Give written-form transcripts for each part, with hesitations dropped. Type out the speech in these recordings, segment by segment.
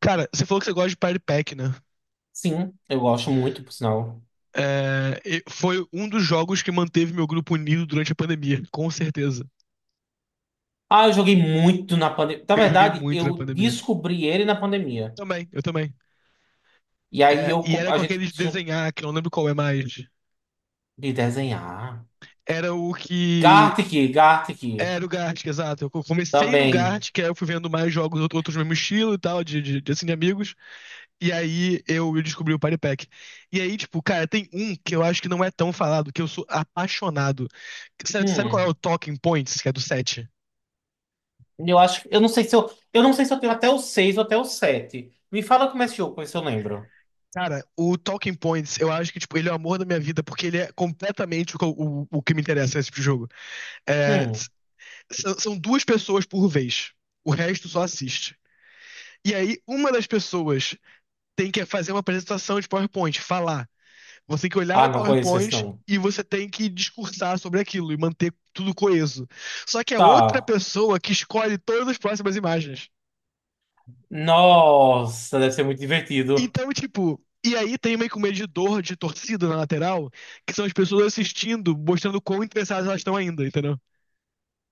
Cara, você falou que você gosta de Party Pack, né? Sim, eu gosto muito, por sinal. É, foi um dos jogos que manteve meu grupo unido durante a pandemia, com certeza. Ah, eu joguei muito na pandemia. Na Eu joguei verdade, muito na eu pandemia. descobri ele na pandemia. Também, eu também. E aí É, eu, e era a com gente aquele de tinha um desenhar, que eu não lembro qual é mais. de desenhar. Era o que. Gartic, Era o Gartic, exato. Eu comecei no também. Gartic, que aí eu fui vendo mais jogos, outros do mesmo estilo e tal, assim, de amigos. E aí eu descobri o Party Pack. E aí, tipo, cara, tem um que eu acho que não é tão falado, que eu sou apaixonado. Sabe, sabe qual é? Hum, O Talking Points, que é do set. eu acho, eu não sei se eu, eu não sei se eu tenho até o 6 ou até o sete. Me fala como é esse jogo, pra ver se eu lembro. Cara, o Talking Points, eu acho que, tipo, ele é o amor da minha vida, porque ele é completamente o, o que me interessa nesse tipo de jogo. É, Hum. São duas pessoas por vez. O resto só assiste. E aí, uma das pessoas tem que fazer uma apresentação de PowerPoint, falar. Você tem que olhar Ah, o não conheço esse PowerPoint não. e você tem que discursar sobre aquilo e manter tudo coeso. Só que é outra Tá. pessoa que escolhe todas as próximas imagens. Nossa, deve ser muito divertido. Então, tipo, e aí tem meio que um medidor de torcida na lateral, que são as pessoas assistindo, mostrando quão interessadas elas estão ainda, entendeu?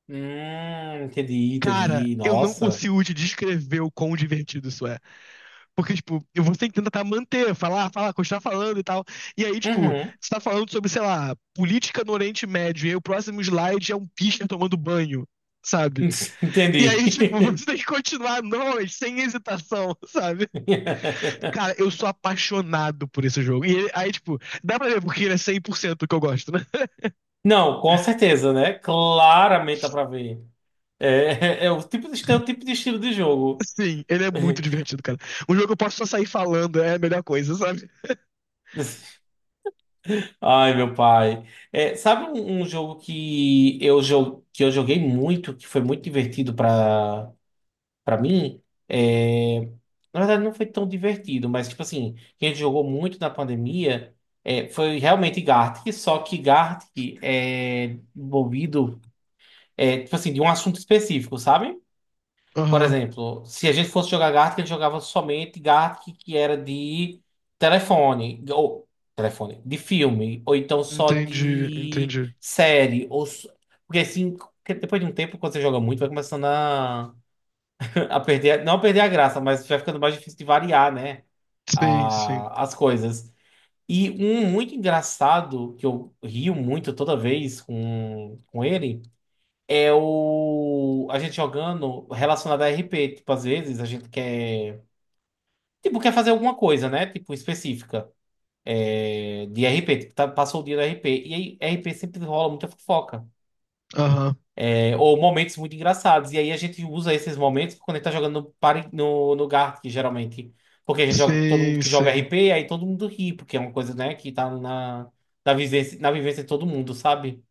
Entendi, Cara, entendi. eu não Nossa. consigo te descrever o quão divertido isso é. Porque, tipo, você tem que tentar manter, falar, falar, continuar falando e tal. E aí, tipo, Uhum. você tá falando sobre, sei lá, política no Oriente Médio, e aí o próximo slide é um pisca tomando banho, sabe? E Entendi. aí, tipo, você tem que continuar a noite sem hesitação, sabe? Cara, eu sou apaixonado por esse jogo. Aí, tipo, dá pra ver porque ele é 100% que eu gosto, né? Não, com certeza, né? Claramente dá pra ver. É, o tipo de, é o tipo de estilo de jogo. Sim, ele é muito divertido, cara. Um jogo que eu posso só sair falando é a melhor coisa, sabe? Ai, meu pai. É, sabe um, um jogo que eu, que eu joguei muito, que foi muito divertido pra, pra mim? É, na verdade, não foi tão divertido, mas, tipo assim, que a gente jogou muito na pandemia, é, foi realmente Gartic, só que Gartic é envolvido, é, tipo assim, de um assunto específico, sabe? Por Aham, exemplo, se a gente fosse jogar Gartic, ele jogava somente Gartic que era de telefone, ou telefone, de filme, ou então só entendi, de entendi. série, porque assim, porque depois de um tempo, quando você joga muito, vai começando a, a perder, não a perder a graça, mas vai ficando mais difícil de variar, né, Sim, sim. As coisas. E um muito engraçado, que eu rio muito toda vez com ele, é o a gente jogando relacionado a RP. Tipo, às vezes a gente quer, tipo, quer fazer alguma coisa, né? Tipo, específica. É, de RP, tipo, passou o dia do RP. E aí, RP sempre rola muita fofoca. Aham, É, ou momentos muito engraçados. E aí a gente usa esses momentos quando a gente tá jogando no, no, no Gartic, geralmente. Porque a gente joga com todo mundo sim, que joga sim. RP, aí todo mundo ri, porque é uma coisa, né, que tá na, na vivência de todo mundo, sabe?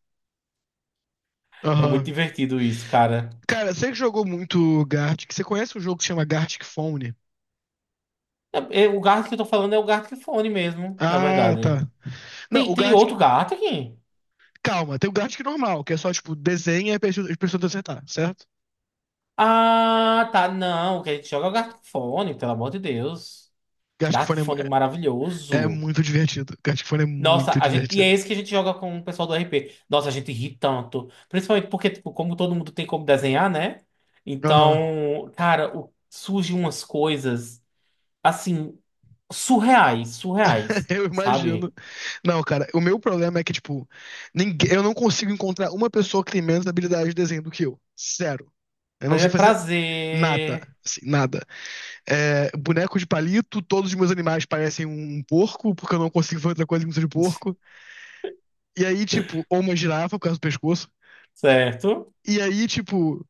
É muito Aham. divertido isso, cara. Cara, você que jogou muito Gartic, você conhece um jogo que se chama Gartic Phone? É, é, o Gartic que eu tô falando é o Gartic Fone mesmo, na Ah, verdade. tá. Não, Tem, o tem Gartic, outro Gartic? calma, tem o Gartic normal, que é só, tipo, desenha e as pessoas acertar, certo? Ah, tá. Não, o que a gente joga é o Gartic Fone, pelo amor de Deus. Gartic Fun Gartic Fone é, é é maravilhoso. muito divertido. Gartic Fun é Nossa, muito a gente, e é divertido. esse que a gente joga com o pessoal do RP. Nossa, a gente ri tanto. Principalmente porque, tipo, como todo mundo tem como desenhar, né? Aham, Então, cara, surgem umas coisas, assim, surreais, surreais, eu sabe? imagino. Não, cara, o meu problema é que, tipo, ninguém, eu não consigo encontrar uma pessoa que tem menos habilidade de desenho do que eu. Zero. Eu não sei fazer nada, Prazer. assim, nada. É, boneco de palito, todos os meus animais parecem um porco, porque eu não consigo fazer outra coisa que não seja de porco. E aí, tipo, ou uma girafa por causa do pescoço. Certo? E aí, tipo,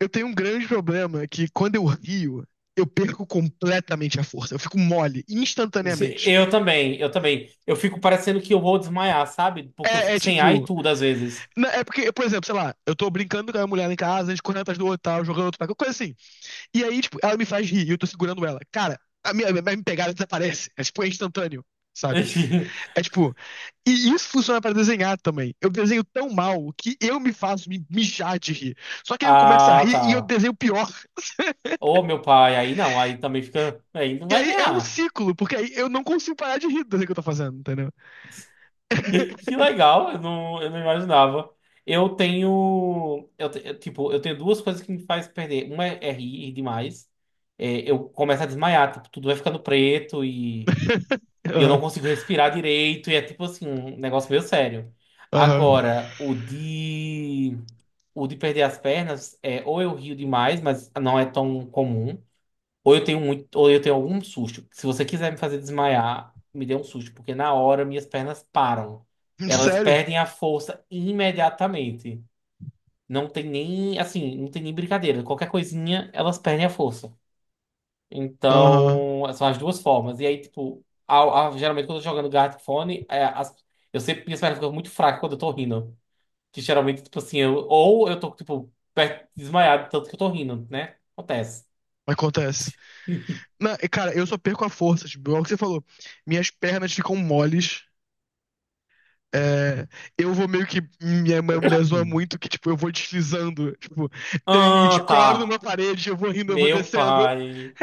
eu tenho um grande problema que quando eu rio, eu perco completamente a força. Eu fico mole, instantaneamente. Eu também, eu também. Eu fico parecendo que eu vou desmaiar, sabe? Porque eu É, fico é sem ar e tipo. tudo às vezes. É porque, por exemplo, sei lá, eu tô brincando com a mulher lá em casa, a gente correndo atrás do outro, tal, jogando outro, qualquer coisa assim. E aí, tipo, ela me faz rir e eu tô segurando ela. Cara, a minha pegada desaparece. É tipo, é instantâneo, sabe? É tipo. E isso funciona pra desenhar também. Eu desenho tão mal que eu me faço me mijar de rir. Só que aí eu começo a Ah, rir e eu tá. desenho pior. Ô, meu pai, aí não, aí também fica. Aí não E vai aí é um ganhar. ciclo, porque aí eu não consigo parar de rir do que eu tô fazendo, entendeu? Que legal, eu não imaginava. Eu tenho. Eu, eu, tipo, eu tenho duas coisas que me faz perder. Uma é, é rir demais. É, eu começo a desmaiar, tipo, tudo vai ficando preto e eu não Aham. consigo respirar direito. E é tipo assim, um negócio meio sério. Aham. Uhum. Agora, o de. O de perder as pernas é ou eu rio demais, mas não é tão comum, ou eu tenho muito, ou eu tenho algum susto. Se você quiser me fazer desmaiar, me dê um susto, porque na hora minhas pernas param. Uhum. Elas Sério? perdem a força imediatamente. Não tem nem, assim, não tem nem brincadeira. Qualquer coisinha, elas perdem a força. Aham. Uhum. Então, são as duas formas. E aí, tipo, geralmente quando eu tô jogando Gartic Phone, é, eu sempre minhas pernas ficam muito fracas quando eu tô rindo. Que geralmente, tipo assim, eu, ou eu tô, tipo, perto, desmaiado, de tanto que eu tô rindo, né? Acontece. Acontece. Não, e, cara, eu só perco a força, tipo, é que você falou. Minhas pernas ficam moles. É, eu vou meio que. Minha mãe me zoa muito que, tipo, eu vou deslizando. Tipo, eu e de Ah, coro numa tá. parede, eu vou rindo, eu vou Meu descendo. pai.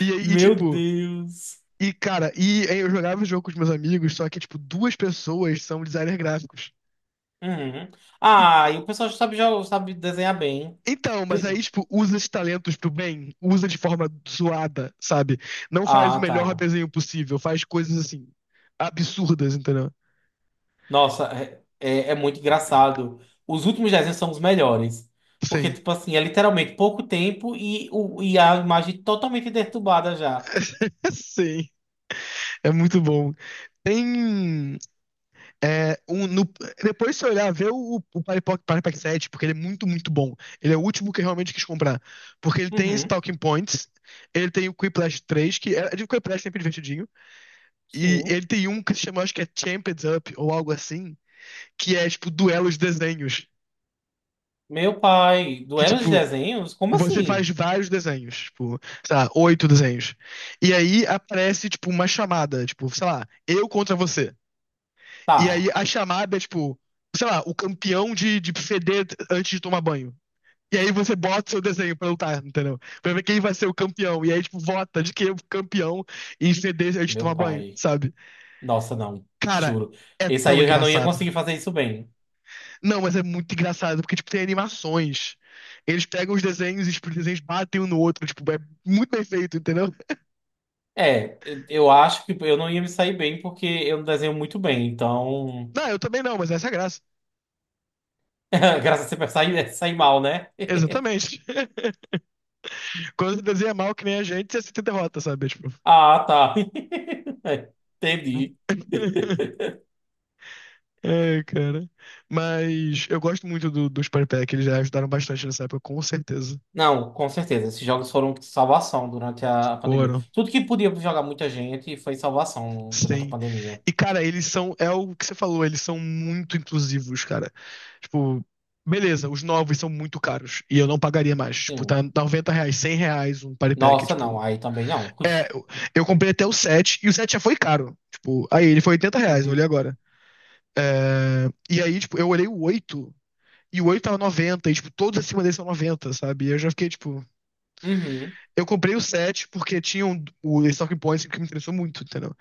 E aí, Meu tipo. Deus. E, cara, e aí eu jogava o jogo com os meus amigos, só que, tipo, duas pessoas são designers gráficos. Uhum. E Ah, e o pessoal já sabe desenhar bem. então, mas P- aí, tipo, usa esses talentos pro bem, usa de forma zoada, sabe? Não faz o Ah, melhor tá. desenho possível, faz coisas assim, absurdas, entendeu? Nossa, é, é, é muito engraçado. Os últimos desenhos são os melhores. Porque, Sim. tipo assim, é literalmente pouco tempo e, o, e a imagem totalmente deturbada já. Sim, é muito bom. Tem. É, depois, se olhar, vê o Party Pack 7, porque ele é muito, muito bom. Ele é o último que eu realmente quis comprar. Porque ele tem esse Uhum. Talking Points, ele tem o Quiplash 3, que é é de Quiplash sempre divertidinho. E Sim. ele tem um que se chama, acho que é Champions Up ou algo assim, que é tipo duelos desenhos. Meu pai, do Que, Era de tipo, Desenhos? Como você faz assim? vários desenhos, tipo, sei lá, oito desenhos. E aí aparece, tipo, uma chamada, tipo, sei lá, eu contra você. E aí Tá, a chamada é, tipo, sei lá, o campeão de feder antes de tomar banho. E aí você bota seu desenho pra lutar, entendeu? Pra ver quem vai ser o campeão. E aí, tipo, vota de quem é o campeão em feder antes de meu tomar banho, pai. sabe? Nossa, não, Cara, juro. é Esse aí tão eu já não ia engraçado. conseguir fazer isso bem. Não, mas é muito engraçado, porque, tipo, tem animações. Eles pegam os desenhos e tipo, os desenhos batem um no outro, tipo, é muito bem feito, entendeu? É, eu acho que eu não ia me sair bem porque eu não desenho muito bem, então. Não, eu também não, mas essa é a graça. Graças a Deus, sair sair mal, né? Exatamente. Quando você desenha mal que nem a gente, você se derrota, sabe? Tipo... Ah, tá. Entendi. Ai, cara. Mas eu gosto muito do, dos Party Pack, eles já ajudaram bastante nessa época, com certeza. Não, com certeza. Esses jogos foram salvação durante a pandemia. Foram. Tudo que podia jogar muita gente foi salvação durante a Sim. pandemia. E, cara, eles são. É o que você falou, eles são muito inclusivos, cara. Tipo, beleza, os novos são muito caros. E eu não pagaria mais. Tipo, tá Sim. 90 reais, 100 reais um party pack. Nossa, Tipo, não. Aí também não. eu comprei até o 7 e o 7 já foi caro. Tipo, aí ele foi 80 reais, eu olhei Uhum. agora. E aí, tipo, eu olhei o 8 e o 8 tava noventa. E, tipo, todos acima dele são noventa, sabe? E eu já fiquei, tipo. Uhum. Eu comprei o 7 porque tinha um, o Talking Points que me interessou muito, entendeu?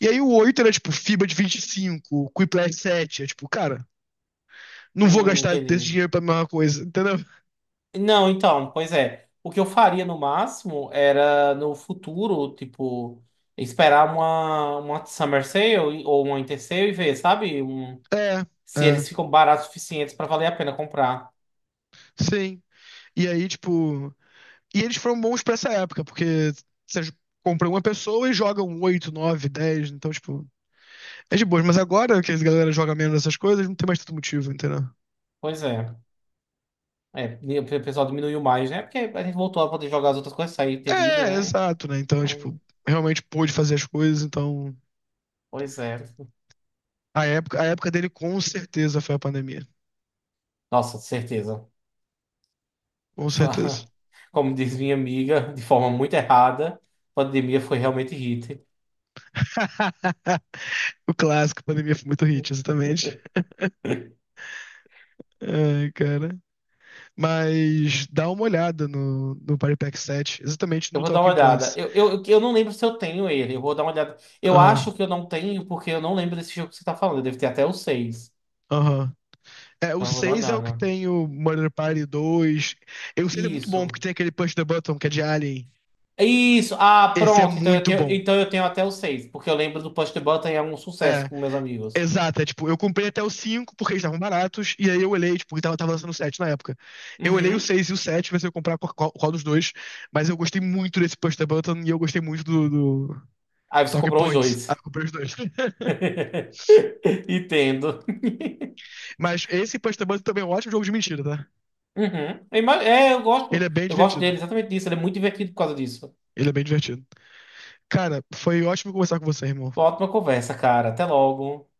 E aí o 8 era, tipo, FIBA de 25, Quiplash 7. É, tipo, cara. Não vou gastar desse Entendi. dinheiro pra mesma coisa, entendeu? Não, então, pois é. O que eu faria no máximo era no futuro, tipo, esperar uma Summer Sale ou uma Winter Sale e ver, sabe? É, Se é, eles ficam baratos o suficientes para valer a pena comprar. sim. E aí, tipo. E eles foram bons pra essa época, porque você compra uma pessoa e joga um 8 9 dez, então, tipo. É de boas, mas agora que a galera joga menos essas coisas, não tem mais tanto motivo, entendeu? Pois é. É, e o pessoal diminuiu mais, né? Porque a gente voltou a poder jogar as outras coisas, sair e ter vida, É, né? exato, né? Então, tipo, Hum. realmente pôde fazer as coisas, então. Pois é. A época dele com certeza foi a pandemia. Nossa, certeza. Com certeza. Como diz minha amiga, de forma muito errada, a pandemia foi realmente hit. O clássico, a pandemia foi muito hit, exatamente. Ai, cara. Mas dá uma olhada no, no Party Pack 7, exatamente Eu no vou dar uma Talking olhada. Points. Eu não lembro se eu tenho ele. Eu vou dar uma olhada. Eu Aham, acho que eu não tenho, porque eu não lembro desse jogo que você tá falando. Deve ter até o seis. aham. É, o Então eu vou dar uma seis é o que olhada. tem o Murder Party dois. E o 6 é muito bom Isso. porque tem aquele Push the Button que é de Alien. Isso. Ah, Esse é pronto. Muito bom. Então eu tenho até o 6, porque eu lembro do Push the Button e é um sucesso É, com meus amigos. exato. É, tipo, eu comprei até o cinco porque eles estavam baratos. E aí eu olhei, tipo, que tava, tava lançando o 7 na época. Eu olhei o Uhum. 6 e o 7, ver se eu comprar qual, qual dos dois. Mas eu gostei muito desse Push the Button e eu gostei muito do, do Aí você Talking comprou os Points. Ah, dois. comprei os dois. Entendo. Mas esse Push the Button também é um ótimo jogo de mentira, tá? Uhum. É, eu Ele é gosto. bem Eu gosto divertido. dele exatamente disso. Ele é muito divertido por causa disso. Ele é bem divertido. Cara, foi ótimo conversar com você, irmão. Ótima conversa, cara. Até logo.